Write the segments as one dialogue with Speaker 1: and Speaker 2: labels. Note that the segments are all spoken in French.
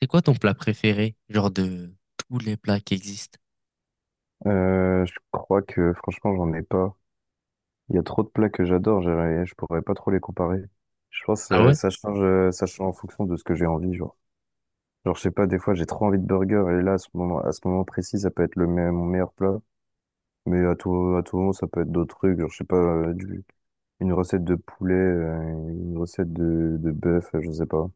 Speaker 1: C'est quoi ton plat préféré, genre de tous les plats qui existent?
Speaker 2: Je crois que franchement, j'en ai pas. Il y a trop de plats que j'adore, je pourrais pas trop les comparer. Je pense
Speaker 1: Ah
Speaker 2: que
Speaker 1: ouais?
Speaker 2: ça change en fonction de ce que j'ai envie, genre. Genre, je sais pas, des fois, j'ai trop envie de burger, et là, à ce moment précis, ça peut être mon meilleur plat. Mais à tout moment, ça peut être d'autres trucs, genre, je sais pas, une recette de poulet, une recette de bœuf, je sais pas.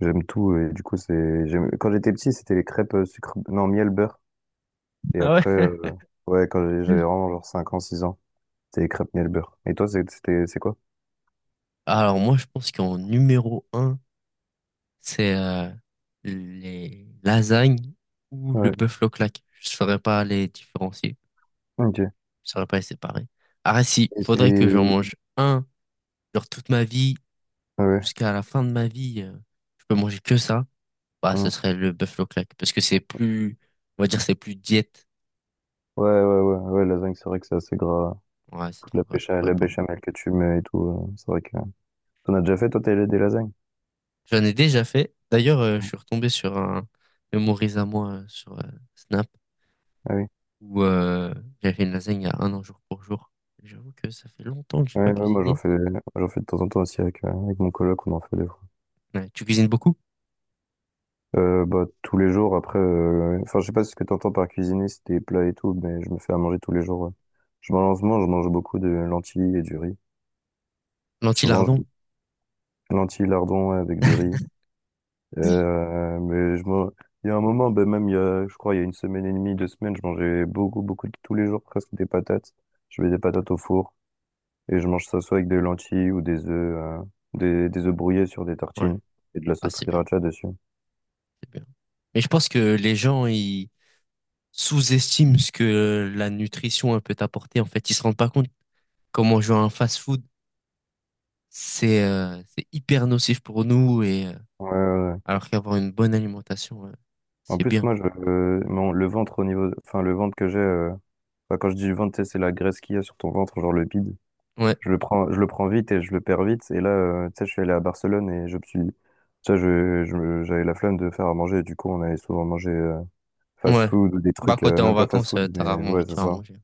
Speaker 2: J'aime tout, et du coup, quand j'étais petit, c'était les crêpes sucre, non, miel, beurre. Et
Speaker 1: Ah
Speaker 2: après,
Speaker 1: ouais?
Speaker 2: ouais, j'avais
Speaker 1: Mm.
Speaker 2: vraiment genre 5 ans, 6 ans. C'est les crêpes miel beurre. Et toi, c'est quoi?
Speaker 1: Alors moi, je pense qu'en numéro un, c'est les lasagnes ou le
Speaker 2: Ouais.
Speaker 1: buffalo claque. Je saurais pas les différencier,
Speaker 2: Ok.
Speaker 1: je saurais pas les séparer. Ah si,
Speaker 2: Et
Speaker 1: faudrait que j'en
Speaker 2: c'est...
Speaker 1: mange un, genre toute ma vie,
Speaker 2: Ouais.
Speaker 1: jusqu'à la fin de ma vie, je peux manger que ça. Bah, ce
Speaker 2: Hein.
Speaker 1: serait le buffalo claque, parce que c'est plus, on va dire, c'est plus diète.
Speaker 2: Ouais, ouais, ouais, ouais, lasagne, c'est vrai que c'est assez gras.
Speaker 1: Ouais, c'est
Speaker 2: Toute la
Speaker 1: trop gras, je
Speaker 2: bécha
Speaker 1: pourrais
Speaker 2: la
Speaker 1: pas.
Speaker 2: béchamel que tu mets et tout, c'est vrai que... T'en as déjà fait, toi, t'as des lasagnes?
Speaker 1: J'en ai déjà fait. D'ailleurs, je
Speaker 2: Ouais.
Speaker 1: suis retombé sur un mémorise à moi sur Snap
Speaker 2: Ah oui.
Speaker 1: où j'avais fait une lasagne il y a un an jour pour jour. J'avoue que ça fait longtemps que j'ai pas
Speaker 2: Ouais, ouais, moi, j'en
Speaker 1: cuisiné.
Speaker 2: fais, j'en fais de temps en temps aussi avec mon coloc, on en fait des fois.
Speaker 1: Ouais, tu cuisines beaucoup?
Speaker 2: Bah, tous les jours, enfin, je sais pas si ce que t'entends par cuisiner, c'est des plats et tout, mais je me fais à manger tous les jours, ouais. Je mange beaucoup de lentilles et du riz. Souvent,
Speaker 1: L'anti-lardon?
Speaker 2: lentilles, lardons, ouais, avec du riz. Euh, mais je m'en- il y a un moment, ben même il y a, je crois, il y a une semaine et demie, 2 semaines, je mangeais beaucoup, beaucoup, tous les jours presque des patates. Je mets des patates au four et je mange ça soit avec des lentilles ou des œufs, des œufs brouillés sur des
Speaker 1: Ouais.
Speaker 2: tartines et de la
Speaker 1: Ah,
Speaker 2: sauce
Speaker 1: c'est bien,
Speaker 2: sriracha dessus.
Speaker 1: c'est bien. Mais je pense que les gens, ils sous-estiment ce que la nutrition elle, peut apporter. En fait, ils se rendent pas compte comment manger un fast-food, c'est hyper nocif pour nous et
Speaker 2: Ouais, ouais. Ouais.
Speaker 1: alors qu'avoir une bonne alimentation,
Speaker 2: En
Speaker 1: c'est
Speaker 2: plus,
Speaker 1: bien.
Speaker 2: moi, le ventre au niveau, enfin, le ventre que j'ai, enfin, quand je dis ventre, tu sais, c'est la graisse qu'il y a sur ton ventre, genre le bide.
Speaker 1: Ouais.
Speaker 2: Je le prends vite et je le perds vite. Et là, tu sais, je suis allé à Barcelone et je me suis, tu sais, je me- j'avais la flemme de faire à manger. Du coup, on allait souvent manger
Speaker 1: Ouais.
Speaker 2: fast-food ou des
Speaker 1: Bah,
Speaker 2: trucs,
Speaker 1: quand t'es en
Speaker 2: même pas
Speaker 1: vacances,
Speaker 2: fast-food,
Speaker 1: t'as
Speaker 2: mais
Speaker 1: rarement
Speaker 2: ouais,
Speaker 1: envie de
Speaker 2: c'est
Speaker 1: faire à
Speaker 2: ça.
Speaker 1: manger.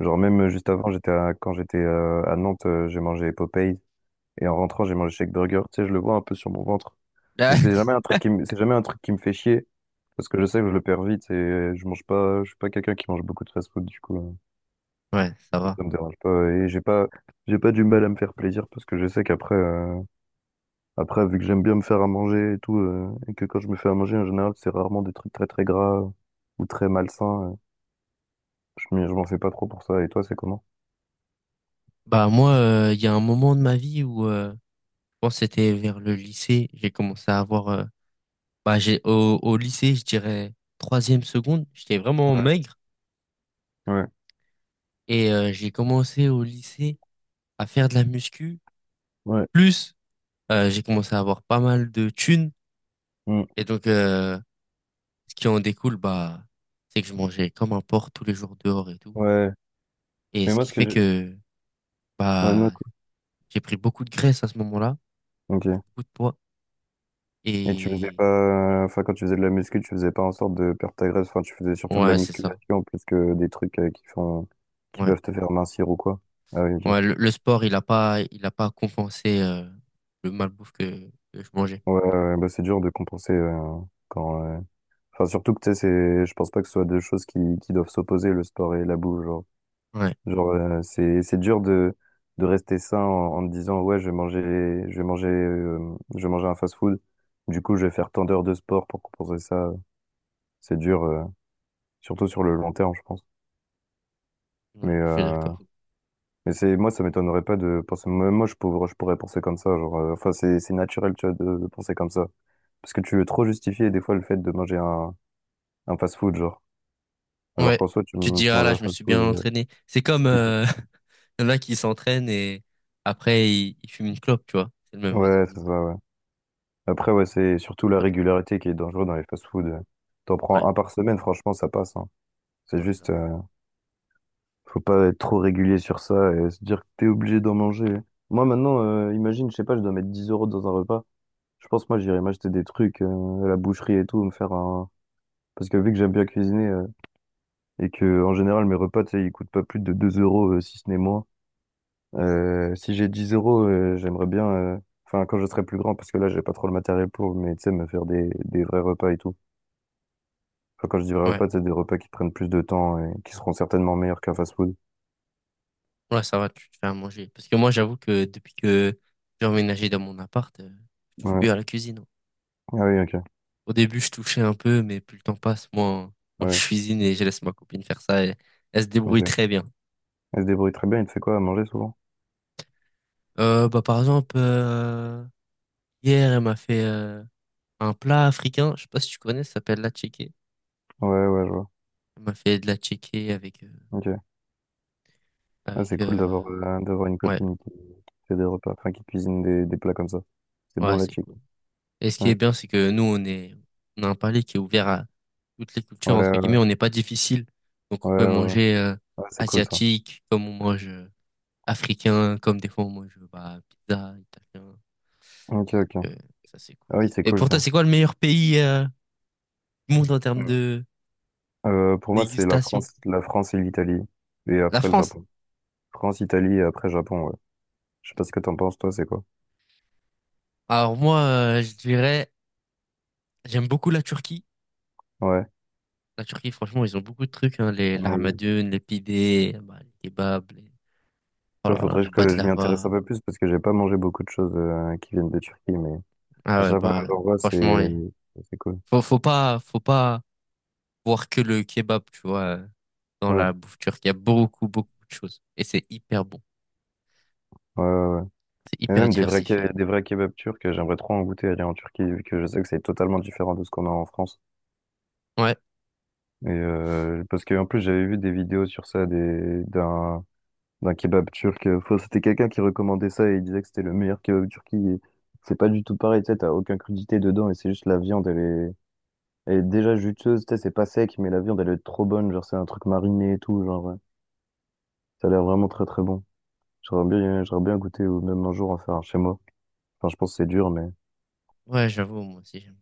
Speaker 2: Genre, même juste avant, quand j'étais à Nantes, j'ai mangé Popeyes et en rentrant, j'ai mangé Shake Burger. Tu sais, je le vois un peu sur mon ventre,
Speaker 1: Là,
Speaker 2: mais c'est jamais un truc qui me fait chier parce que je sais que je le perds vite et je mange pas, je suis pas quelqu'un qui mange beaucoup de fast-food. Du coup,
Speaker 1: Ouais, ça va.
Speaker 2: ça me dérange pas et j'ai pas du mal à me faire plaisir parce que je sais qu'après. Après, vu que j'aime bien me faire à manger et tout, et que quand je me fais à manger, en général, c'est rarement des trucs très très gras ou très malsains. Je m'en fais pas trop pour ça. Et toi, c'est comment?
Speaker 1: Bah, moi, il y a un moment de ma vie où, je pense que c'était vers le lycée, j'ai commencé à avoir, bah, au, au lycée, je dirais, troisième seconde, j'étais vraiment maigre
Speaker 2: Ouais,
Speaker 1: et j'ai commencé au lycée à faire de la muscu.
Speaker 2: ouais.
Speaker 1: Plus, j'ai commencé à avoir pas mal de thunes
Speaker 2: Mm.
Speaker 1: et donc, ce qui en découle, bah, c'est que je mangeais comme un porc tous les jours dehors et tout.
Speaker 2: Ouais.
Speaker 1: Et
Speaker 2: Mais
Speaker 1: ce
Speaker 2: moi,
Speaker 1: qui
Speaker 2: ce que
Speaker 1: fait
Speaker 2: j'ai...
Speaker 1: que,
Speaker 2: Ouais, non,
Speaker 1: bah,
Speaker 2: cool.
Speaker 1: j'ai pris beaucoup de graisse à ce moment-là,
Speaker 2: Ok.
Speaker 1: beaucoup de poids.
Speaker 2: Et tu faisais
Speaker 1: Et
Speaker 2: pas... Enfin, quand tu faisais de la muscu, tu faisais pas en sorte de perdre ta graisse. Enfin, tu faisais surtout de la
Speaker 1: ouais, c'est ça.
Speaker 2: musculation plus que des trucs qui font... qui
Speaker 1: Ouais.
Speaker 2: peuvent te faire mincir ou quoi. Ah oui, ok.
Speaker 1: Ouais, le sport, il a pas compensé le malbouffe que je
Speaker 2: Ouais,
Speaker 1: mangeais.
Speaker 2: ouais, ouais. Bah, c'est dur de compenser quand... enfin, surtout que, tu sais, c'est... Je pense pas que ce soit deux choses qui doivent s'opposer, le sport et la bouffe, genre.
Speaker 1: Ouais,
Speaker 2: Genre, c'est dur de rester sain en te disant, ouais, je vais manger, euh, je vais manger un fast-food. Du coup, je vais faire tant d'heures de sport pour compenser ça. C'est dur, surtout sur le long terme, je pense.
Speaker 1: ouais,
Speaker 2: Mais,
Speaker 1: je suis
Speaker 2: euh,
Speaker 1: d'accord.
Speaker 2: mais moi, ça m'étonnerait pas de penser, même moi, je pourrais penser comme ça. Genre, enfin, c'est naturel, tu vois, de penser comme ça. Parce que tu veux trop justifier, des fois, le fait de manger un fast-food, genre. Alors
Speaker 1: Ouais.
Speaker 2: qu'en soi, tu,
Speaker 1: Tu te
Speaker 2: tu
Speaker 1: diras,
Speaker 2: manges
Speaker 1: là,
Speaker 2: un
Speaker 1: je me suis bien
Speaker 2: fast-food.
Speaker 1: entraîné. C'est comme
Speaker 2: Qui-
Speaker 1: il y en a qui s'entraînent et après ils, ils fument une clope, tu vois. C'est le même
Speaker 2: Ouais,
Speaker 1: raisonnement. Y
Speaker 2: c'est ça,
Speaker 1: a
Speaker 2: ouais. Après, ouais, c'est surtout la
Speaker 1: pas de logique.
Speaker 2: régularité qui est dangereuse dans les fast-foods. T'en
Speaker 1: Ouais,
Speaker 2: prends un par semaine, franchement, ça passe, hein. C'est
Speaker 1: ouais, ça
Speaker 2: juste,
Speaker 1: va.
Speaker 2: faut pas être trop régulier sur ça et se dire que t'es obligé d'en manger. Moi, maintenant, imagine, je sais pas, je dois mettre 10 € dans un repas. Je pense, moi, j'irai m'acheter des trucs, à la boucherie et tout, me faire un... Parce que vu que j'aime bien cuisiner, et que, en général, mes repas, tu sais, ils coûtent pas plus de 2 euros, si ce n'est moins. Si j'ai 10 euros, j'aimerais bien, enfin, quand je serai plus grand, parce que là, j'ai pas trop le matériel pour, mais tu sais, me faire des vrais repas et tout. Enfin, quand je dis vrais
Speaker 1: Ouais.
Speaker 2: repas, c'est des repas qui prennent plus de temps et qui seront certainement meilleurs qu'un fast-food.
Speaker 1: Ouais, ça va, tu te fais à manger. Parce que moi, j'avoue que depuis que j'ai emménagé dans mon appart, je touche
Speaker 2: Ouais.
Speaker 1: plus à la cuisine.
Speaker 2: Ah oui, ok.
Speaker 1: Au début, je touchais un peu, mais plus le temps passe, moi,
Speaker 2: Ah
Speaker 1: moi
Speaker 2: oui,
Speaker 1: je cuisine et je laisse ma copine faire ça et elle se débrouille
Speaker 2: ok.
Speaker 1: très bien.
Speaker 2: Elle se débrouille très bien, il te fait quoi à manger souvent?
Speaker 1: Bah, par exemple, hier, elle m'a fait un plat africain, je sais pas si tu connais, ça s'appelle la tchéké.
Speaker 2: Ouais, ouais, je vois.
Speaker 1: Elle m'a fait de la tchéké avec,
Speaker 2: Ok. Ah,
Speaker 1: avec
Speaker 2: c'est cool d'avoir euh, d'avoir une
Speaker 1: ouais,
Speaker 2: copine qui fait des repas, enfin qui cuisine des plats comme ça. C'est bon
Speaker 1: ouais,
Speaker 2: la
Speaker 1: c'est
Speaker 2: chick.
Speaker 1: cool. Et ce qui
Speaker 2: Ouais,
Speaker 1: est bien, c'est que nous, on est, on a un palais qui est ouvert à toutes les cultures,
Speaker 2: ouais,
Speaker 1: entre guillemets,
Speaker 2: ouais,
Speaker 1: on n'est pas difficile, donc on
Speaker 2: ouais,
Speaker 1: peut
Speaker 2: ouais. Ouais.
Speaker 1: manger
Speaker 2: Ah, c'est cool ça.
Speaker 1: asiatique, comme on mange africain, comme des fois on mange bah, pizza, italien.
Speaker 2: Ok, ok.
Speaker 1: Euh, ça, c'est cool.
Speaker 2: Ah oui, c'est
Speaker 1: Et
Speaker 2: cool
Speaker 1: pour toi,
Speaker 2: ça.
Speaker 1: c'est quoi le meilleur pays du monde en termes de
Speaker 2: Pour moi, c'est la
Speaker 1: dégustation?
Speaker 2: France, la France et l'Italie, et
Speaker 1: La
Speaker 2: après le
Speaker 1: France.
Speaker 2: Japon. France, Italie et après Japon, ouais. Je sais pas ce que t'en penses, toi, c'est quoi?
Speaker 1: Alors moi, je dirais, j'aime beaucoup la Turquie.
Speaker 2: Ouais.
Speaker 1: La Turquie, franchement, ils ont beaucoup de trucs, hein, les
Speaker 2: Ouais.
Speaker 1: lahmacun, les pidés, bah, les kebabs, les, oh
Speaker 2: Toi,
Speaker 1: là là,
Speaker 2: faudrait
Speaker 1: les
Speaker 2: que je m'y intéresse
Speaker 1: baklava.
Speaker 2: un peu plus parce que j'ai pas mangé beaucoup de choses qui viennent de Turquie, mais à
Speaker 1: Ah ouais,
Speaker 2: chaque fois que
Speaker 1: bah
Speaker 2: j'en vois,
Speaker 1: franchement,
Speaker 2: c'est
Speaker 1: eh,
Speaker 2: c'est cool.
Speaker 1: faut, faut pas voir que le kebab, tu vois, dans
Speaker 2: Ouais,
Speaker 1: la bouffe turque. Il y a beaucoup, beaucoup de choses et c'est hyper bon,
Speaker 2: ouais, ouais. Ouais.
Speaker 1: c'est
Speaker 2: Et
Speaker 1: hyper
Speaker 2: même
Speaker 1: diversifié.
Speaker 2: des vrais kebabs turcs, j'aimerais trop en goûter aller en Turquie vu que je sais que c'est totalement différent de ce qu'on a en France.
Speaker 1: Ouais,
Speaker 2: Parce que en plus j'avais vu des vidéos sur ça des d'un d'un kebab turc. Enfin, c'était quelqu'un qui recommandait ça et il disait que c'était le meilleur kebab turc. C'est pas du tout pareil, tu sais, t'as aucune crudité dedans et c'est juste la viande, elle est déjà juteuse, tu sais, c'est pas sec, mais la viande, elle est trop bonne. Genre, c'est un truc mariné et tout. Genre, ouais. Ça a l'air vraiment très très bon. J'aurais bien goûté ou même un jour en faire un chez moi. Enfin, je pense que c'est dur, mais.
Speaker 1: ouais, j'avoue, moi aussi j'aime.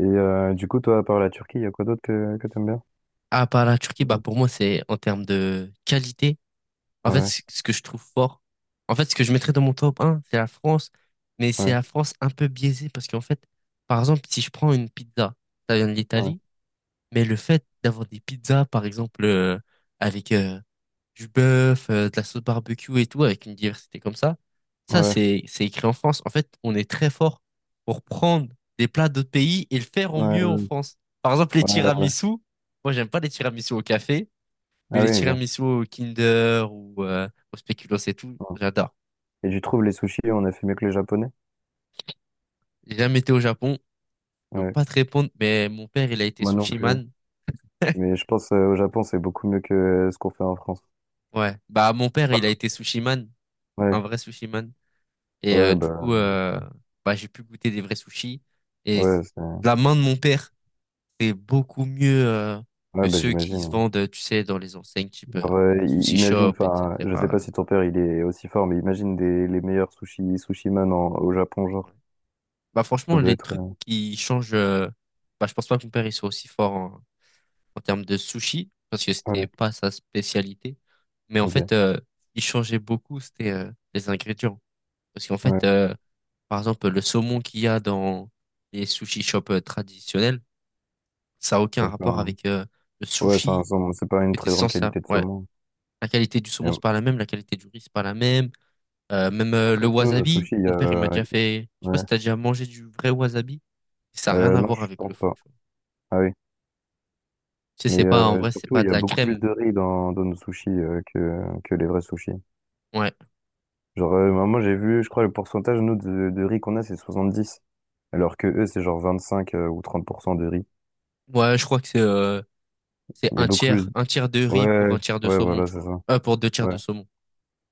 Speaker 2: Du coup, toi, à part la Turquie, il y a quoi d'autre que t'aimes bien?
Speaker 1: Ah, bah, la Turquie, bah,
Speaker 2: Oui.
Speaker 1: pour moi, c'est en termes de qualité. En fait,
Speaker 2: Ouais,
Speaker 1: ce que je trouve fort, en fait, ce que je mettrais dans mon top un, c'est la France, mais c'est
Speaker 2: ouais,
Speaker 1: la France un peu biaisée parce qu'en fait, par exemple, si je prends une pizza, ça vient de
Speaker 2: ouais,
Speaker 1: l'Italie, mais le fait d'avoir des pizzas, par exemple, avec du bœuf, de la sauce barbecue et tout, avec une diversité comme ça,
Speaker 2: ouais,
Speaker 1: c'est écrit en France. En fait, on est très fort pour prendre des plats d'autres pays et le faire au
Speaker 2: ouais,
Speaker 1: mieux en
Speaker 2: ouais,
Speaker 1: France. Par exemple, les
Speaker 2: ouais, ouais.
Speaker 1: tiramisu. Moi, j'aime pas les tiramisu au café. Mais
Speaker 2: Ah
Speaker 1: les
Speaker 2: oui, ok.
Speaker 1: tiramisu au Kinder ou au Spéculoos et tout,
Speaker 2: Ouais.
Speaker 1: j'adore.
Speaker 2: Et tu trouves les sushis, on a fait mieux que les Japonais?
Speaker 1: J'ai jamais été au Japon, je peux
Speaker 2: Ouais.
Speaker 1: pas te répondre, mais mon père, il a été
Speaker 2: Moi non
Speaker 1: sushi
Speaker 2: plus.
Speaker 1: man.
Speaker 2: Mais je pense au Japon, c'est beaucoup mieux que ce qu'on fait en France.
Speaker 1: Ouais, bah mon père, il a été sushi man,
Speaker 2: Ouais,
Speaker 1: un vrai sushi man. Et
Speaker 2: ouais,
Speaker 1: du
Speaker 2: bah,
Speaker 1: coup,
Speaker 2: crois.
Speaker 1: bah j'ai pu goûter des vrais sushis. Et
Speaker 2: ouais, c'est-
Speaker 1: la main de mon père, c'est beaucoup mieux
Speaker 2: ouais,
Speaker 1: que
Speaker 2: bah,
Speaker 1: ceux qui se
Speaker 2: j'imagine.
Speaker 1: vendent, tu sais, dans les enseignes type
Speaker 2: Genre,
Speaker 1: sushi
Speaker 2: imagine,
Speaker 1: shop,
Speaker 2: enfin, je sais
Speaker 1: etc.
Speaker 2: pas si ton père il est aussi fort, mais imagine les meilleurs sushi man au Japon,
Speaker 1: Ouais.
Speaker 2: genre.
Speaker 1: Bah
Speaker 2: Ça
Speaker 1: franchement,
Speaker 2: doit
Speaker 1: les
Speaker 2: être.
Speaker 1: trucs qui changent, bah je pense pas que mon père il soit aussi fort en termes de sushi, parce que c'était
Speaker 2: Ouais,
Speaker 1: pas sa spécialité. Mais en
Speaker 2: ok.
Speaker 1: fait, il changeait beaucoup, c'était les ingrédients. Parce qu'en
Speaker 2: Ouais,
Speaker 1: fait, par exemple, le saumon qu'il y a dans les sushi shops traditionnels, ça a aucun
Speaker 2: ça fait
Speaker 1: rapport
Speaker 2: un-
Speaker 1: avec le
Speaker 2: ouais, c'est
Speaker 1: sushi
Speaker 2: un
Speaker 1: qui
Speaker 2: saumon, c'est pas une
Speaker 1: était
Speaker 2: très grande
Speaker 1: sans ça.
Speaker 2: qualité de
Speaker 1: Ouais.
Speaker 2: saumon.
Speaker 1: La qualité du
Speaker 2: Et
Speaker 1: saumon,
Speaker 2: en
Speaker 1: c'est pas la même, la qualité du riz, c'est pas la même. Même
Speaker 2: et en
Speaker 1: le
Speaker 2: plus, nous, nos
Speaker 1: wasabi,
Speaker 2: sushis, il y
Speaker 1: mon père, il m'a
Speaker 2: a.
Speaker 1: déjà fait. Je sais pas
Speaker 2: Ouais.
Speaker 1: si t'as déjà mangé du vrai wasabi. Ça a rien à
Speaker 2: Non,
Speaker 1: voir
Speaker 2: je
Speaker 1: avec le
Speaker 2: pense
Speaker 1: faux,
Speaker 2: pas.
Speaker 1: tu vois.
Speaker 2: Ah oui.
Speaker 1: Tu sais,
Speaker 2: Mais
Speaker 1: c'est pas, en vrai, c'est
Speaker 2: surtout,
Speaker 1: pas
Speaker 2: il y
Speaker 1: de
Speaker 2: a
Speaker 1: la
Speaker 2: beaucoup plus
Speaker 1: crème.
Speaker 2: de riz dans nos sushis que les vrais sushis.
Speaker 1: Ouais.
Speaker 2: Genre, moi, j'ai vu, je crois, le pourcentage, nous, de riz qu'on a, c'est 70. Alors que eux, c'est genre 25 ou 30% de riz.
Speaker 1: Ouais, je crois que c'est c'est
Speaker 2: Il y a beaucoup plus.
Speaker 1: un tiers de riz pour
Speaker 2: Ouais,
Speaker 1: un tiers de
Speaker 2: ouais,
Speaker 1: saumon,
Speaker 2: voilà,
Speaker 1: tu
Speaker 2: c'est
Speaker 1: vois.
Speaker 2: ça.
Speaker 1: Pour deux tiers de
Speaker 2: Ouais.
Speaker 1: saumon.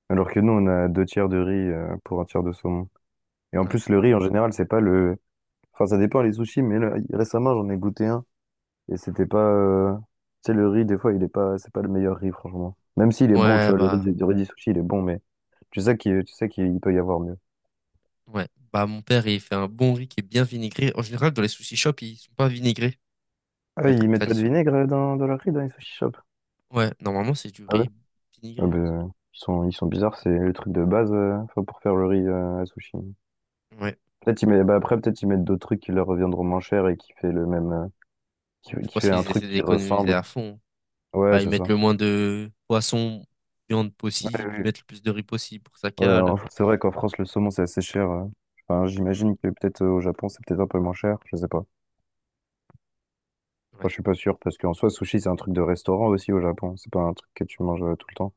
Speaker 2: Alors que nous, on a deux tiers de riz pour un tiers de saumon. Et en
Speaker 1: Ouais.
Speaker 2: plus, le riz, en général, c'est pas le... Enfin, ça dépend les sushis, mais là, récemment, j'en ai goûté un. Et c'était pas... Tu sais, le riz, des fois, il est pas... C'est pas le meilleur riz, franchement. Même s'il est bon, tu
Speaker 1: Ouais,
Speaker 2: vois, le riz,
Speaker 1: bah,
Speaker 2: du riz du sushi, il est bon, mais tu sais qu'il peut y avoir mieux.
Speaker 1: ouais. Bah, mon père, il fait un bon riz qui est bien vinaigré. En général, dans les sushi shops, ils sont pas vinaigrés,
Speaker 2: Ah,
Speaker 1: les
Speaker 2: oui, ils
Speaker 1: trucs
Speaker 2: mettent pas de
Speaker 1: traditionnels.
Speaker 2: vinaigre dans leur riz, dans les sushi shops?
Speaker 1: Ouais, normalement, c'est du
Speaker 2: Ah ouais?
Speaker 1: riz
Speaker 2: Ah
Speaker 1: vinaigré. Ouais.
Speaker 2: ben, ils sont bizarres, c'est le truc de base enfin, pour faire le riz à sushi.
Speaker 1: Ouais.
Speaker 2: Bah après, peut-être ils mettent d'autres trucs qui leur reviendront moins cher et qui fait le même, qui,
Speaker 1: Je
Speaker 2: qui
Speaker 1: pense
Speaker 2: fait un
Speaker 1: qu'ils
Speaker 2: truc
Speaker 1: essaient
Speaker 2: qui
Speaker 1: d'économiser
Speaker 2: ressemble.
Speaker 1: à fond.
Speaker 2: Ouais,
Speaker 1: Bah, ils
Speaker 2: c'est
Speaker 1: mettent
Speaker 2: ça.
Speaker 1: le moins de poissons, viande
Speaker 2: Ouais,
Speaker 1: possible, ils
Speaker 2: oui.
Speaker 1: mettent le plus de riz possible pour que ça
Speaker 2: Ouais,
Speaker 1: cale.
Speaker 2: c'est vrai qu'en France, le saumon, c'est assez cher. Enfin,
Speaker 1: Mm.
Speaker 2: j'imagine que peut-être au Japon, c'est peut-être un peu moins cher. Je sais pas.
Speaker 1: Ouais.
Speaker 2: Enfin, je suis pas sûr parce qu'en soi, sushi, c'est un truc de restaurant aussi au Japon. C'est pas un truc que tu manges tout le temps.